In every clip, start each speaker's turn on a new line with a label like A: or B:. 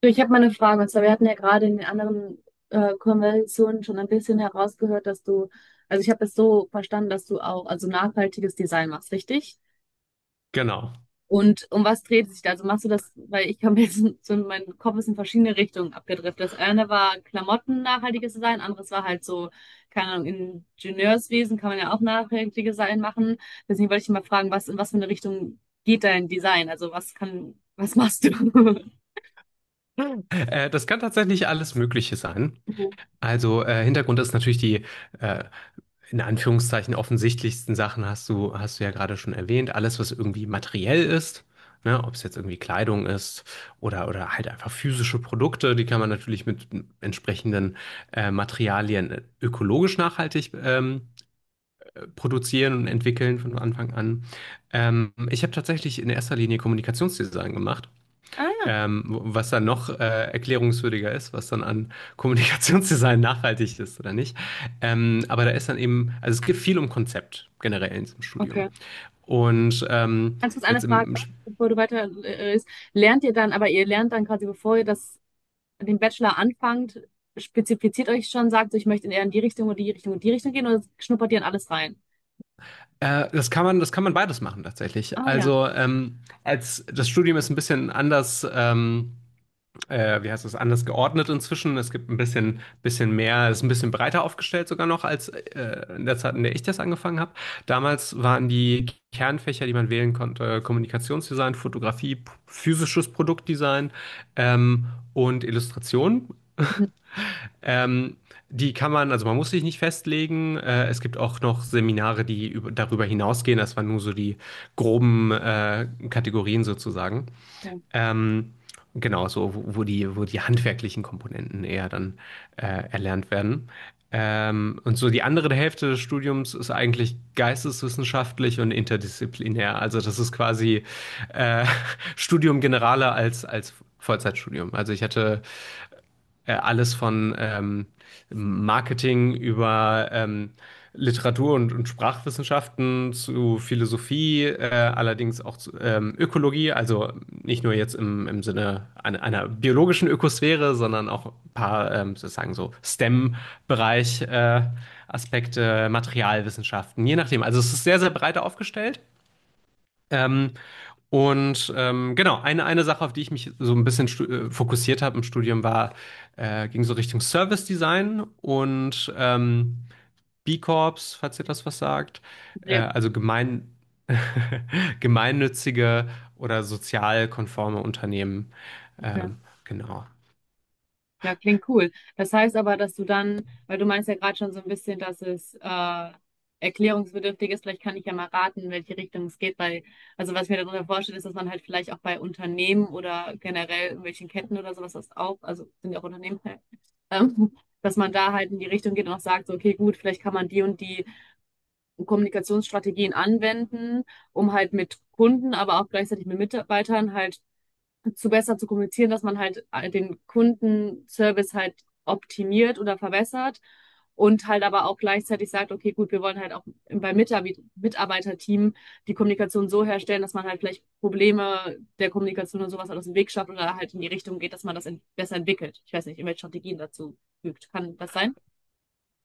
A: Du, ich habe mal eine Frage. Und zwar, wir hatten ja gerade in den anderen Konversationen schon ein bisschen herausgehört, also ich habe es so verstanden, dass du auch also nachhaltiges Design machst, richtig?
B: Genau.
A: Und um was dreht es sich da? Also machst du das, weil ich habe jetzt so mein Kopf ist in verschiedene Richtungen abgedriftet. Das eine war Klamotten nachhaltiges Design, anderes war halt so, keine Ahnung, Ingenieurswesen kann man ja auch nachhaltiges Design machen. Deswegen wollte ich mal fragen, was in was für eine Richtung geht dein Design? Also was kann, was machst du?
B: Das kann tatsächlich alles Mögliche sein.
A: Mhm.
B: Also Hintergrund ist natürlich die äh, in Anführungszeichen offensichtlichsten Sachen, hast du ja gerade schon erwähnt. Alles, was irgendwie materiell ist, ne, ob es jetzt irgendwie Kleidung ist oder halt einfach physische Produkte, die kann man natürlich mit entsprechenden Materialien ökologisch nachhaltig produzieren und entwickeln von Anfang an. Ich habe tatsächlich in erster Linie Kommunikationsdesign gemacht.
A: Ah,
B: Was dann noch erklärungswürdiger ist, was dann an Kommunikationsdesign nachhaltig ist oder nicht. Aber da ist dann eben, also es geht viel um Konzept generell in diesem Studium.
A: okay.
B: Und
A: Ganz kurz eine
B: jetzt im,
A: Frage,
B: im Sch-
A: bevor du weiter ist. Lernt ihr dann, aber ihr lernt dann quasi, den Bachelor anfangt, spezifiziert euch schon, sagt, so, ich möchte eher in die Richtung oder die Richtung und die Richtung gehen oder schnuppert ihr in alles rein?
B: Das kann man beides machen tatsächlich.
A: Ah ja.
B: Also als das Studium ist ein bisschen anders. Wie heißt das, anders geordnet inzwischen. Es gibt ein bisschen mehr, ist ein bisschen breiter aufgestellt sogar noch als in der Zeit, in der ich das angefangen habe. Damals waren die Kernfächer, die man wählen konnte, Kommunikationsdesign, Fotografie, physisches Produktdesign ähm, und Illustration.
A: Mhm.
B: Ähm, die kann man, also man muss sich nicht festlegen. Es gibt auch noch Seminare, die darüber hinausgehen. Das waren nur so die groben Kategorien sozusagen. Ähm, genau, so, wo die handwerklichen Komponenten eher dann erlernt werden. Und so die andere Hälfte des Studiums ist eigentlich geisteswissenschaftlich und interdisziplinär. Also das ist quasi äh, Studium Generale als Vollzeitstudium. Also ich hatte alles von Marketing über Literatur und Sprachwissenschaften zu Philosophie, allerdings auch zu Ökologie, also nicht nur jetzt im Sinne einer biologischen Ökosphäre, sondern auch ein paar sozusagen so STEM-Bereich Aspekte, Materialwissenschaften, je nachdem. Also es ist sehr, sehr breit aufgestellt. Ähm, und genau, eine Sache, auf die ich mich so ein bisschen fokussiert habe im Studium, war, ging so Richtung Service Design und B Corps, falls ihr das was sagt,
A: Ja,
B: also gemeinnützige oder sozial konforme Unternehmen.
A: okay.
B: Ähm, genau.
A: Ja, klingt cool. Das heißt aber, dass du dann, weil du meinst ja gerade schon so ein bisschen, dass es erklärungsbedürftig ist, vielleicht kann ich ja mal raten, in welche Richtung es geht, weil, also was ich mir darunter vorstelle, ist, dass man halt vielleicht auch bei Unternehmen oder generell irgendwelchen Ketten oder sowas das auch, also sind ja auch Unternehmen, ja, ähm, dass man da halt in die Richtung geht und auch sagt, so, okay, gut, vielleicht kann man die und die Kommunikationsstrategien anwenden, um halt mit Kunden, aber auch gleichzeitig mit Mitarbeitern halt zu besser zu kommunizieren, dass man halt den Kundenservice halt optimiert oder verbessert und halt aber auch gleichzeitig sagt, okay, gut, wir wollen halt auch beim Mitarbeiterteam die Kommunikation so herstellen, dass man halt vielleicht Probleme der Kommunikation und sowas halt aus dem Weg schafft oder halt in die Richtung geht, dass man das besser entwickelt. Ich weiß nicht, irgendwelche Strategien dazu fügt. Kann das sein?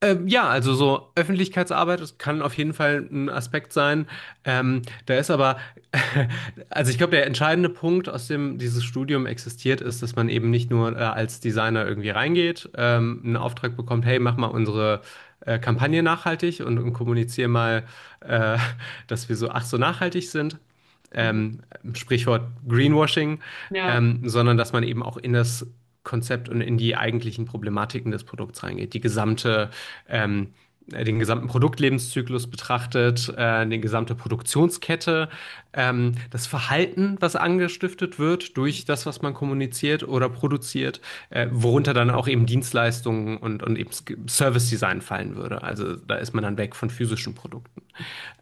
B: Ja, also so Öffentlichkeitsarbeit, das kann auf jeden Fall ein Aspekt sein. Da ist aber, also ich glaube, der entscheidende Punkt, aus dem dieses Studium existiert, ist, dass man eben nicht nur als Designer irgendwie reingeht, einen Auftrag bekommt, hey, mach mal unsere Kampagne nachhaltig und kommuniziere mal, äh, dass wir so, ach so nachhaltig sind,
A: Mhm.
B: ähm, Sprichwort Greenwashing,
A: Ja.
B: sondern dass man eben auch in das Konzept und in die eigentlichen Problematiken des Produkts reingeht. Die gesamte ähm, den gesamten Produktlebenszyklus betrachtet, die gesamte Produktionskette, das Verhalten, was angestiftet wird durch das, was man kommuniziert oder produziert, worunter dann auch eben Dienstleistungen und eben Service Design fallen würde. Also da ist man dann weg von physischen Produkten.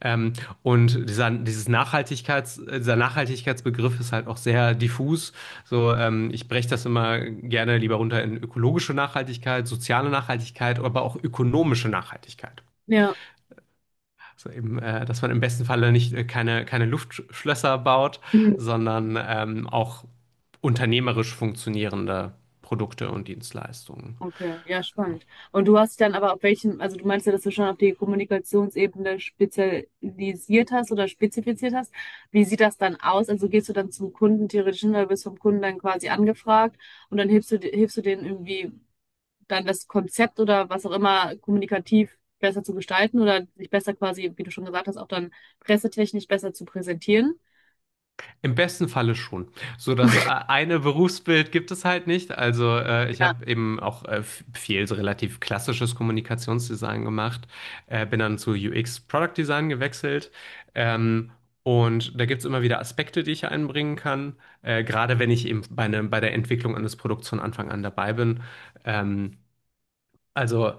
B: Ähm, und dieser Nachhaltigkeitsbegriff ist halt auch sehr diffus. So, ich breche das immer gerne lieber runter in ökologische Nachhaltigkeit, soziale Nachhaltigkeit, aber auch ökonomische Nachhaltigkeit.
A: Ja.
B: Also eben, dass man im besten Falle nicht keine Luftschlösser baut,
A: Mhm.
B: sondern auch unternehmerisch funktionierende Produkte und Dienstleistungen.
A: Okay, ja, spannend. Und du hast dich dann aber auf welchen, also du meinst ja, dass du schon auf die Kommunikationsebene spezialisiert hast oder spezifiziert hast. Wie sieht das dann aus? Also gehst du dann zum Kunden theoretisch hin, oder wirst vom Kunden dann quasi angefragt und dann hilfst du denen irgendwie dann das Konzept oder was auch immer kommunikativ besser zu gestalten oder sich besser quasi, wie du schon gesagt hast, auch dann pressetechnisch besser zu präsentieren?
B: Im besten Falle schon. So das eine Berufsbild gibt es halt nicht. Also ich
A: Ja.
B: habe eben auch viel so relativ klassisches Kommunikationsdesign gemacht, bin dann zu UX Product Design gewechselt. Ähm, und da gibt es immer wieder Aspekte, die ich einbringen kann. Gerade wenn ich eben bei, ne, bei der Entwicklung eines Produkts von Anfang an dabei bin. Ähm, also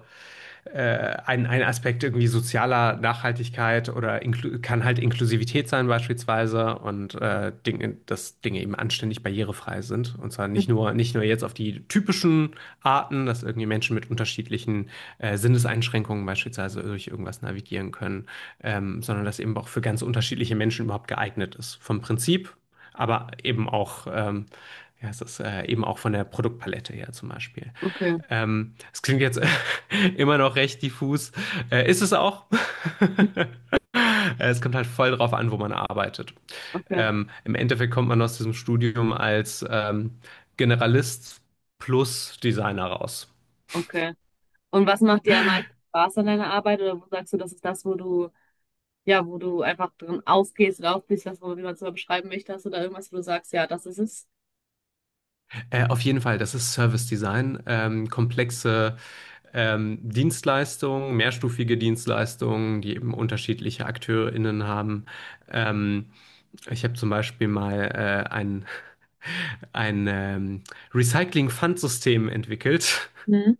B: ein Aspekt irgendwie sozialer Nachhaltigkeit oder kann halt Inklusivität sein beispielsweise und Dinge, dass Dinge eben anständig barrierefrei sind. Und zwar
A: Mhm.
B: nicht nur, nicht nur jetzt auf die typischen Arten, dass irgendwie Menschen mit unterschiedlichen Sinneseinschränkungen beispielsweise durch irgendwas navigieren können, sondern dass eben auch für ganz unterschiedliche Menschen überhaupt geeignet ist. Vom Prinzip, aber eben auch, ja, es ist eben auch von der Produktpalette her zum Beispiel.
A: Okay,
B: Es klingt jetzt immer noch recht diffus. Ist es auch. Es kommt halt voll drauf an, wo man arbeitet.
A: okay,
B: Im Endeffekt kommt man aus diesem Studium als Generalist plus Designer raus.
A: okay. Und was macht dir am meisten Spaß an deiner Arbeit oder wo sagst du, das ist das, wo du ja, wo du einfach drin aufgehst oder aufgehst, was auch immer man es mal beschreiben möchte, hast du da irgendwas, wo du sagst, ja, das ist es.
B: Auf jeden Fall, das ist Service Design. Komplexe Dienstleistungen, mehrstufige Dienstleistungen, die eben unterschiedliche AkteurInnen haben. Ähm, Ich habe zum Beispiel mal ein Recycling-Pfandsystem entwickelt.
A: Mhm.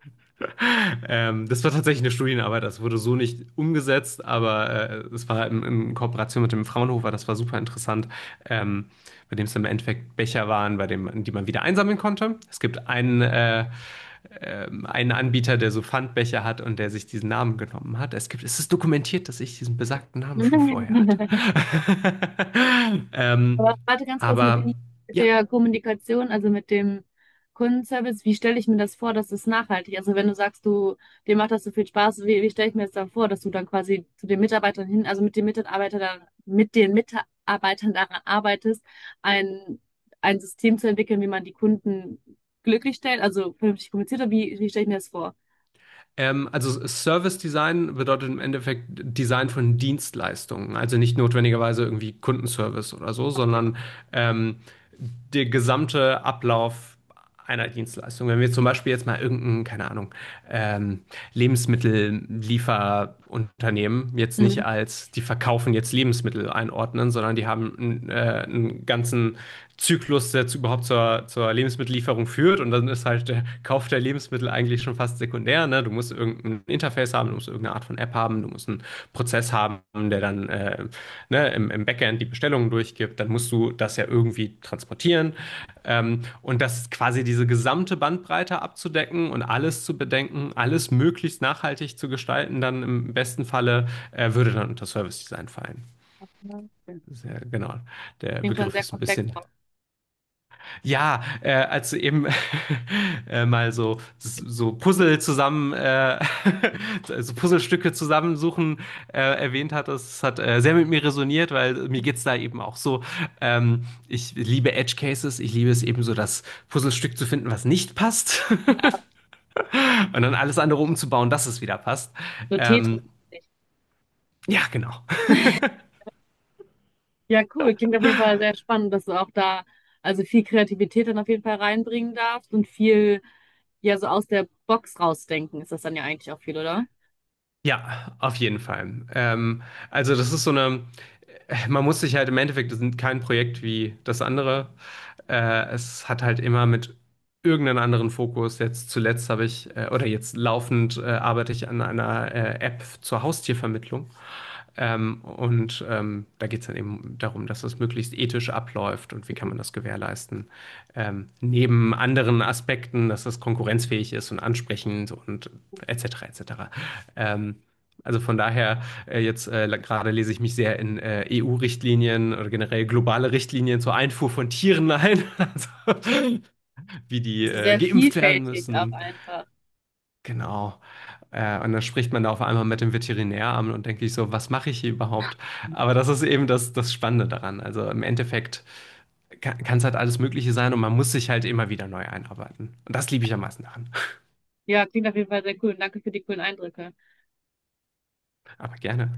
B: Das war tatsächlich eine Studienarbeit, das wurde so nicht umgesetzt, aber es war in Kooperation mit dem Fraunhofer, das war super interessant, ähm, bei dem es im Endeffekt Becher waren, bei dem, die man wieder einsammeln konnte. Es gibt einen Anbieter, der so Pfandbecher hat und der sich diesen Namen genommen hat. Es gibt, es ist dokumentiert, dass ich diesen besagten Namen schon vorher hatte. ähm,
A: Aber warte ganz kurz mit
B: aber
A: dem, mit
B: ja,
A: der Kommunikation, also mit dem Kundenservice, wie stelle ich mir das vor, dass es nachhaltig? Also wenn du sagst, du, dir macht das so viel Spaß, wie, wie stelle ich mir das dann vor, dass du dann quasi zu den Mitarbeitern hin, also mit den Mitarbeitern, mit den Mitarbeitern daran arbeitest, ein, ein System zu entwickeln, wie man die Kunden glücklich stellt, also vernünftig kommuniziert, oder wie, wie stelle ich mir das vor?
B: also Service Design bedeutet im Endeffekt Design von Dienstleistungen. Also nicht notwendigerweise irgendwie Kundenservice oder so, sondern ähm, der gesamte Ablauf einer Dienstleistung. Wenn wir zum Beispiel jetzt mal irgendeinen, keine Ahnung, ähm, Lebensmittelliefer- Unternehmen jetzt
A: Mhm.
B: nicht als, die verkaufen jetzt Lebensmittel einordnen, sondern die haben einen ganzen Zyklus, der überhaupt zur Lebensmittellieferung führt. Und dann ist halt der Kauf der Lebensmittel eigentlich schon fast sekundär. Ne? Du musst irgendein Interface haben, du musst irgendeine Art von App haben, du musst einen Prozess haben, der dann ne, im Backend die Bestellungen durchgibt, dann musst du das ja irgendwie transportieren. Und das quasi diese gesamte Bandbreite abzudecken und alles zu bedenken, alles möglichst nachhaltig zu gestalten, dann im besten Falle würde dann unter Service Design fallen.
A: Ja, okay.
B: Sehr, genau, der
A: Klingt schon
B: Begriff
A: sehr
B: ist ein
A: komplex
B: bisschen,
A: auch.
B: ja, als du eben mal so Puzzlestücke zusammensuchen erwähnt hattest, das hat sehr mit mir resoniert, weil mir geht's da eben auch so. Ich liebe Edge Cases, ich liebe es eben so, das Puzzlestück zu finden, was nicht passt
A: Ja,
B: und dann alles andere umzubauen, dass es wieder passt.
A: so
B: Ähm,
A: Tetris-mäßig.
B: ja, genau.
A: Ja, cool. Klingt auf jeden Fall sehr spannend, dass du auch da also viel Kreativität dann auf jeden Fall reinbringen darfst und viel ja so aus der Box rausdenken ist das dann ja eigentlich auch viel, oder?
B: Ja, auf jeden Fall. Also das ist so eine, man muss sich halt im Endeffekt, das ist kein Projekt wie das andere. Es hat halt immer mit irgendeinem anderen Fokus. Jetzt zuletzt habe ich, oder jetzt laufend arbeite ich an einer App zur Haustiervermittlung. Da geht es dann eben darum, dass das möglichst ethisch abläuft und wie kann man das gewährleisten. Neben anderen Aspekten, dass das konkurrenzfähig ist und ansprechend und etc. etc. Ähm, also von daher, jetzt gerade lese ich mich sehr in EU-Richtlinien oder generell globale Richtlinien zur Einfuhr von Tieren ein, also, wie die
A: Also sehr
B: geimpft werden
A: vielfältig auch
B: müssen.
A: einfach.
B: Genau. Und dann spricht man da auf einmal mit dem Veterinäramt und denke ich so, was mache ich hier überhaupt? Aber das ist eben das Spannende daran. Also im Endeffekt kann es halt alles Mögliche sein und man muss sich halt immer wieder neu einarbeiten. Und das liebe ich am meisten daran.
A: Ja, klingt auf jeden Fall sehr cool. Danke für die coolen Eindrücke.
B: Aber gerne.